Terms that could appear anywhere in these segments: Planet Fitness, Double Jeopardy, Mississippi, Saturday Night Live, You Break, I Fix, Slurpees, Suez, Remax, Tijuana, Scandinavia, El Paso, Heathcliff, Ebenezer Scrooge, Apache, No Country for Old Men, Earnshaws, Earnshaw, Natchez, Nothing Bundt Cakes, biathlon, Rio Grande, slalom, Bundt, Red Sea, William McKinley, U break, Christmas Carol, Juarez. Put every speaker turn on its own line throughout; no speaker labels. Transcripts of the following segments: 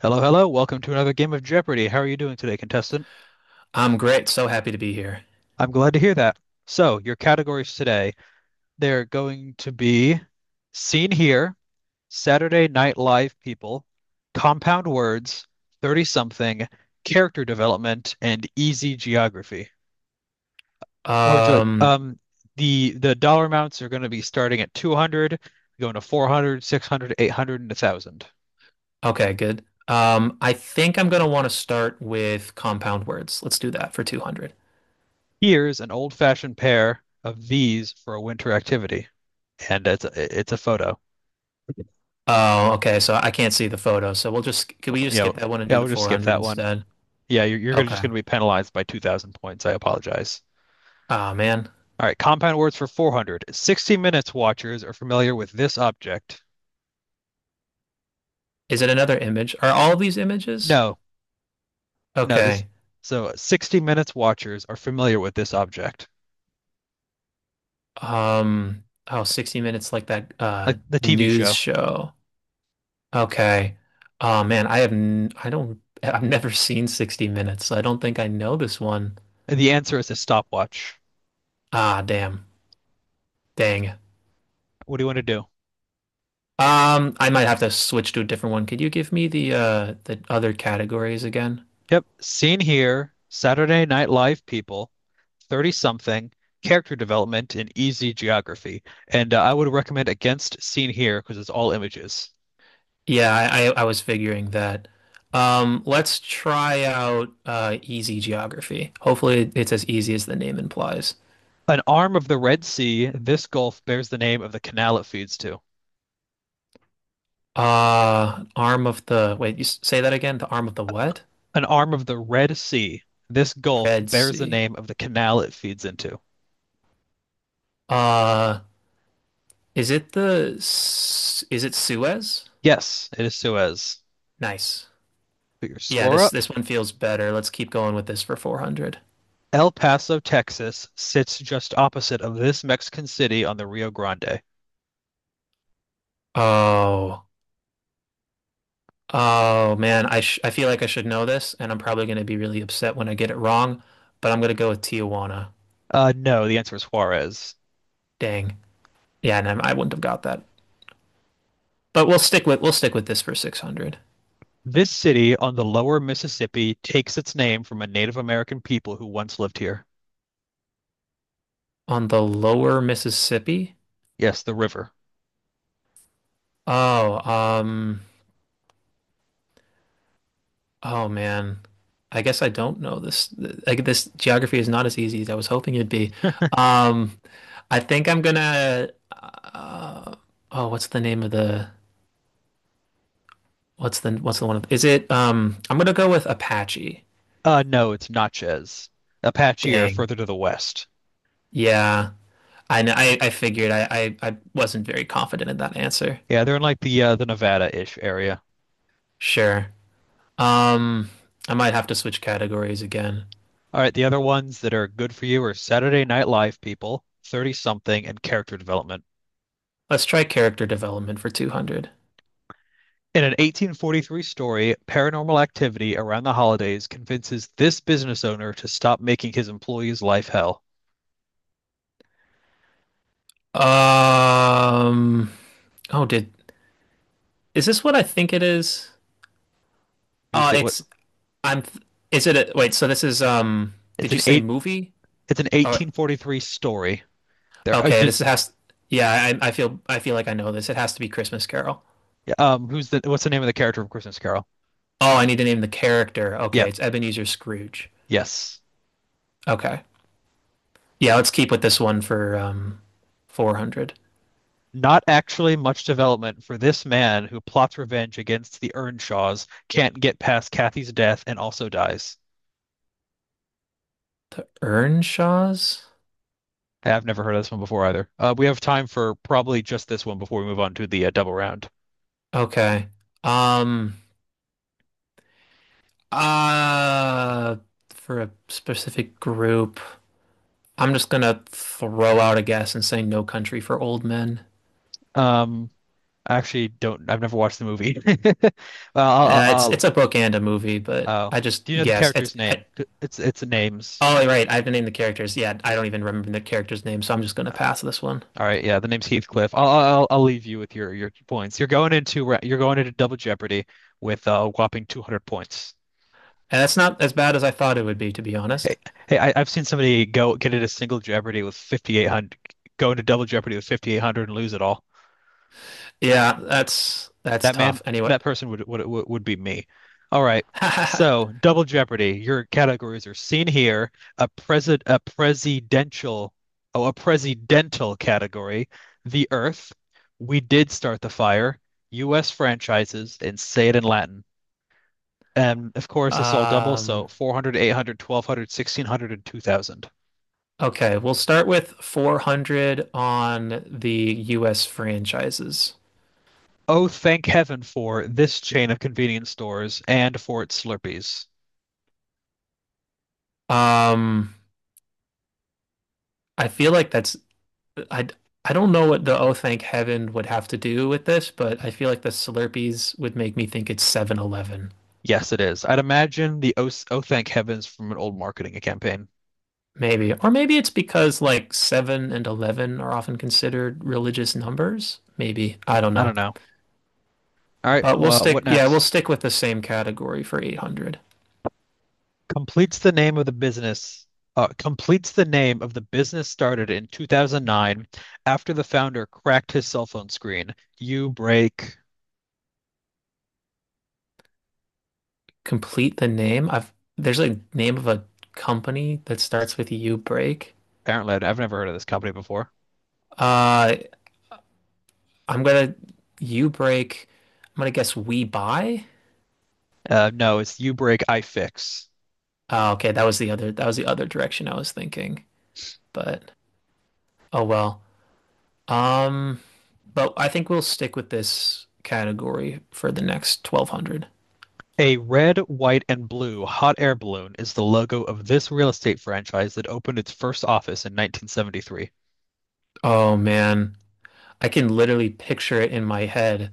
Hello, hello. Welcome to another game of Jeopardy. How are you doing today, contestant?
I'm great. So happy to be here.
I'm glad to hear that. So, your categories today, they're going to be Seen Here, Saturday Night Live People, Compound Words, 30 something, Character Development, and Easy Geography. What would you like?
Um,
The dollar amounts are going to be starting at 200, going to 400, 600, 800, and 1,000.
okay, good. I think I'm gonna want to start with compound words. Let's do that for 200.
Here's an old-fashioned pair of these for a winter activity. And it's a photo.
Oh, okay. So I can't see the photo. So we'll just, can we just skip that one and
Yeah,
do the
we'll just skip
400
that one.
instead?
Yeah, you're just
Okay.
going to be penalized by 2,000 points. I apologize.
Oh, man.
All right, compound words for 400. 60 Minutes watchers are familiar with this object.
Is it another image? Are all of these images?
No, no, this.
Okay.
So 60 Minutes watchers are familiar with this object,
Oh, 60 Minutes like that
like the TV
news
show.
show. Okay. Oh, man. I have, n I don't, I've never seen 60 Minutes. So I don't think I know this one.
And the answer is a stopwatch.
Ah, damn. Dang.
What do you want to do?
I might have to switch to a different one. Could you give me the the other categories again?
Yep, seen here, Saturday Night Live people 30 something, character development, and easy geography. And I would recommend Against Seen Here because it's all images.
Yeah, I was figuring that. Let's try out easy geography. Hopefully it's as easy as the name implies.
An arm of the Red Sea, this gulf bears the name of the canal it feeds to.
Arm of the, wait, you say that again? The arm of the what?
An arm of the Red Sea, this gulf
Red
bears the
Sea.
name of the canal it feeds into.
Uh, is it the S- is it Suez?
Yes, it is Suez.
Nice.
Put your
Yeah,
score
this
up.
this one feels better. Let's keep going with this for 400.
El Paso, Texas sits just opposite of this Mexican city on the Rio Grande.
Oh. Oh man, I feel like I should know this, and I'm probably going to be really upset when I get it wrong. But I'm going to go with Tijuana.
No, the answer is Juarez.
Dang. Yeah, and I wouldn't have got that. But we'll stick with this for 600
This city on the lower Mississippi takes its name from a Native American people who once lived here.
on the lower Mississippi.
Yes, the river.
Oh, oh man. I guess I don't know this. Like this geography is not as easy as I was hoping it'd be. Um, I think I'm gonna. Uh, oh, what's the name of the? What's the one of? Is it? I'm gonna go with Apache.
No, it's Natchez. Apache are
Dang.
further to the west.
Yeah. I know. I figured I wasn't very confident in that answer.
Yeah, they're in like the Nevada-ish area.
Sure. Um, I might have to switch categories again.
All right, the other ones that are good for you are Saturday Night Live people, 30 something, and character development.
Let's try character development for 200.
In an 1843-story, paranormal activity around the holidays convinces this business owner to stop making his employees' life hell.
Um, oh, did, is this what I think it is?
It was the, what?
It's, I'm, is it a, wait, so this is,
It's
did you
an
say
eight.
movie?
It's an
Oh,
1843 story. There,
okay.
did,
This has, yeah, I feel like I know this. It has to be Christmas Carol.
who's the what's the name of the character from Christmas Carol?
Oh, I need to name the character. Okay.
Yep,
It's Ebenezer Scrooge.
yes.
Okay. Yeah, let's keep with this one for 400.
Not actually much development for this man who plots revenge against the Earnshaws, can't get past Kathy's death, and also dies.
The Earnshaws?
Hey, I've never heard of this one before either. We have time for probably just this one before we move on to the double round.
Okay. Um uh for a specific group, I'm just gonna throw out a guess and say No Country for Old Men.
Um, I actually don't. I've never watched the movie. Well,
It's a book and a movie, but
oh,
I just
do you know the
guessed.
character's name? It's names.
Oh right, I've named the characters. Yeah, I don't even remember the character's name, so I'm just gonna pass this one.
All right, yeah, the name's Heathcliff. I'll leave you with your points. You're going into Double Jeopardy with a whopping 200 points.
And that's not as bad as I thought it would be, to be
Hey,
honest.
hey, I've seen somebody go get into single Jeopardy with 5,800, go into Double Jeopardy with 5,800 and lose it all.
Yeah, that's
That man,
tough. Anyway,
that person would be me. All right. So, Double Jeopardy. Your categories are seen here. A president, a presidential, oh, a presidential category. The Earth. We did start the fire. U.S. franchises and say it in Latin. And of course, it's all double, so
um,
400, 800, 1,200, 1,600, and 2,000.
Okay we'll start with 400 on the US franchises.
Oh, thank heaven for this chain of convenience stores and for its Slurpees.
Um, I feel like that's I I don't know what the Oh Thank Heaven would have to do with this, but I feel like the Slurpees would make me think it's 7-Eleven.
Yes, it is. I'd imagine the oh thank heavens from an old marketing campaign.
Maybe. Or maybe it's because like 7 and 11 are often considered religious numbers. Maybe. I don't
I
know.
don't know. All right,
But we'll
well,
stick
what
yeah, we'll
next?
stick with the same category for 800.
Completes the name of the business. Completes the name of the business started in 2009 after the founder cracked his cell phone screen. You break.
Complete the name. I've There's a name of a company that starts with U break.
Apparently, I have never heard of this company before.
Uh, I'm gonna U break. I'm gonna guess we buy.
No, it's You Break, I Fix.
Oh, okay, that was the other direction I was thinking. But oh well. Um, but I think we'll stick with this category for the next 1200.
A red, white, and blue hot air balloon is the logo of this real estate franchise that opened its first office in 1973.
Oh man, I can literally picture it in my head.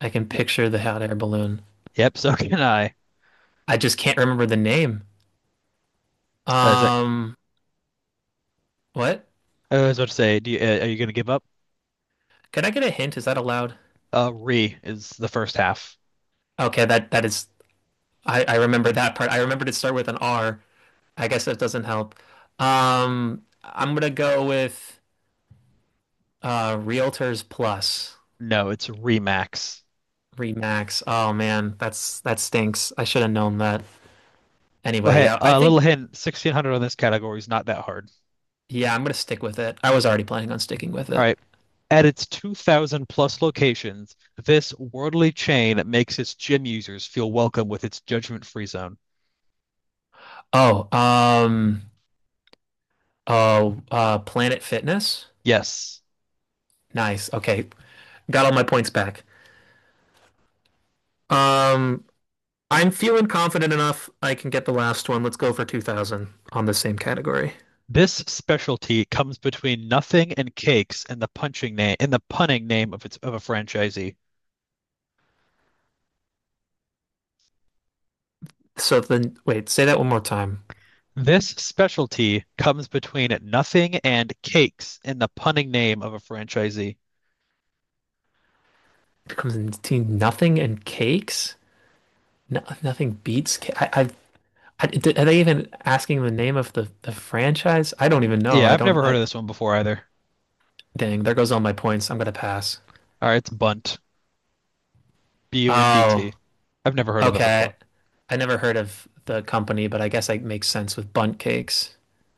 I can
Yep,
picture the hot air balloon.
yep, so can I.
I just can't remember the name.
Is that
Um, what?
I was about to say, are you going to give up?
Can I get a hint? Is that allowed?
Re is the first half.
Okay, that is. I remember that part. I remember to start with an R. I guess that doesn't help. I'm gonna go with Realtors Plus.
No, it's Remax.
Remax. Oh man, that stinks. I should have known that.
Well,
Anyway,
hey,
yeah, I
a little
think.
hint, 1600 on this category is not that hard.
Yeah, I'm gonna stick with it. I was already planning on sticking with
All
it.
right. At its 2,000 plus locations, this worldly chain makes its gym users feel welcome with its judgment-free zone.
Oh, oh, Planet Fitness.
Yes.
Nice. Okay, got all my points back. Um, I'm feeling confident enough I can get the last one. Let's go for 2000 on the same category.
This specialty comes between nothing and cakes in the punning name of a franchisee.
So then, wait, say that one more time.
This specialty comes between nothing and cakes in the punning name of a franchisee.
It comes in between nothing and cakes. No, nothing beats. I, are they even asking the name of the franchise? I don't even know.
Yeah,
I
I've
don't.
never heard
I,
of this one before either.
dang, there goes all my points. I'm gonna pass.
All right, it's Bunt.
Oh,
Bundt. I've never heard of them
okay.
before.
I never heard of the company, but I guess it makes sense with bunt cakes.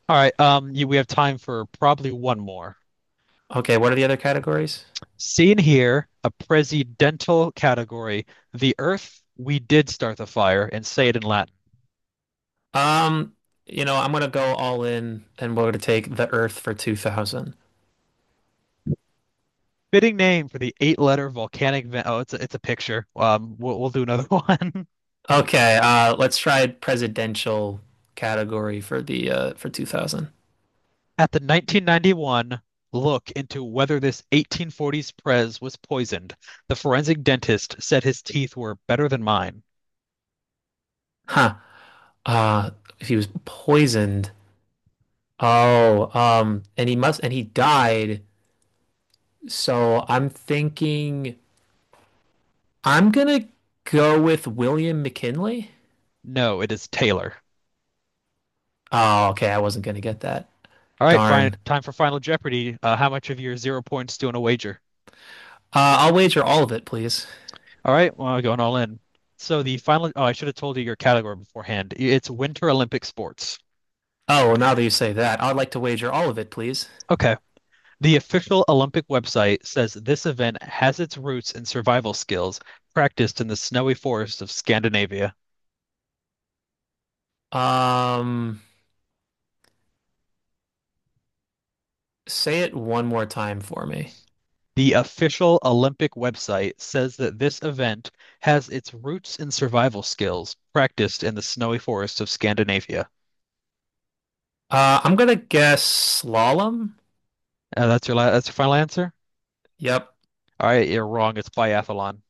All right, we have time for probably one more.
Okay, what are the other categories?
Seen here, a presidential category, the earth we did start the fire, and say it in Latin.
Um, I'm gonna go all in and we're gonna take the Earth for 2000.
Fitting name for the eight-letter volcanic vent. Oh, it's a picture. We'll do another one.
Okay, let's try presidential category for the for 2000.
At the 1991 look into whether this 1840s Prez was poisoned, the forensic dentist said his teeth were better than mine.
Huh. Uh, he was poisoned. Oh, and he must and he died. So I'm thinking I'm gonna go with William McKinley.
No, it is Taylor.
Oh, okay, I wasn't gonna get that.
All right, fine.
Darn.
Time for Final Jeopardy. How much of your 0 points do you want to wager?
I'll wager all of it, please.
All right, well, going all in. I should have told you your category beforehand. It's Winter Olympic sports.
Oh, well, now that you say that, I'd like to wager all of it, please.
Okay. The official Olympic website says this event has its roots in survival skills practiced in the snowy forests of Scandinavia.
Um, say it one more time for me.
The official Olympic website says that this event has its roots in survival skills practiced in the snowy forests of Scandinavia.
I'm gonna guess slalom.
That's your final answer?
Yep.
All right, you're wrong. It's biathlon.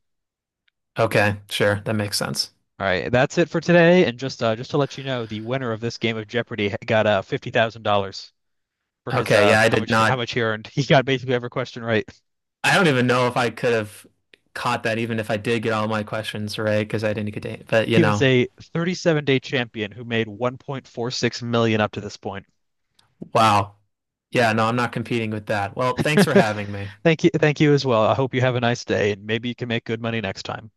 Okay, sure. That makes sense.
All right, that's it for today. And just just to let you know, the winner of this game of Jeopardy got $50,000 for his
Okay, yeah, I
how
did
much how
not.
much he earned. He got basically every question right.
I don't even know if I could have caught that, even if I did get all my questions right, because I didn't get to. But you
He was
know,
a 37-day champion who made 1.46 million up to this point.
wow. Yeah, no, I'm not competing with that. Well, thanks for having me.
Thank you as well. I hope you have a nice day, and maybe you can make good money next time.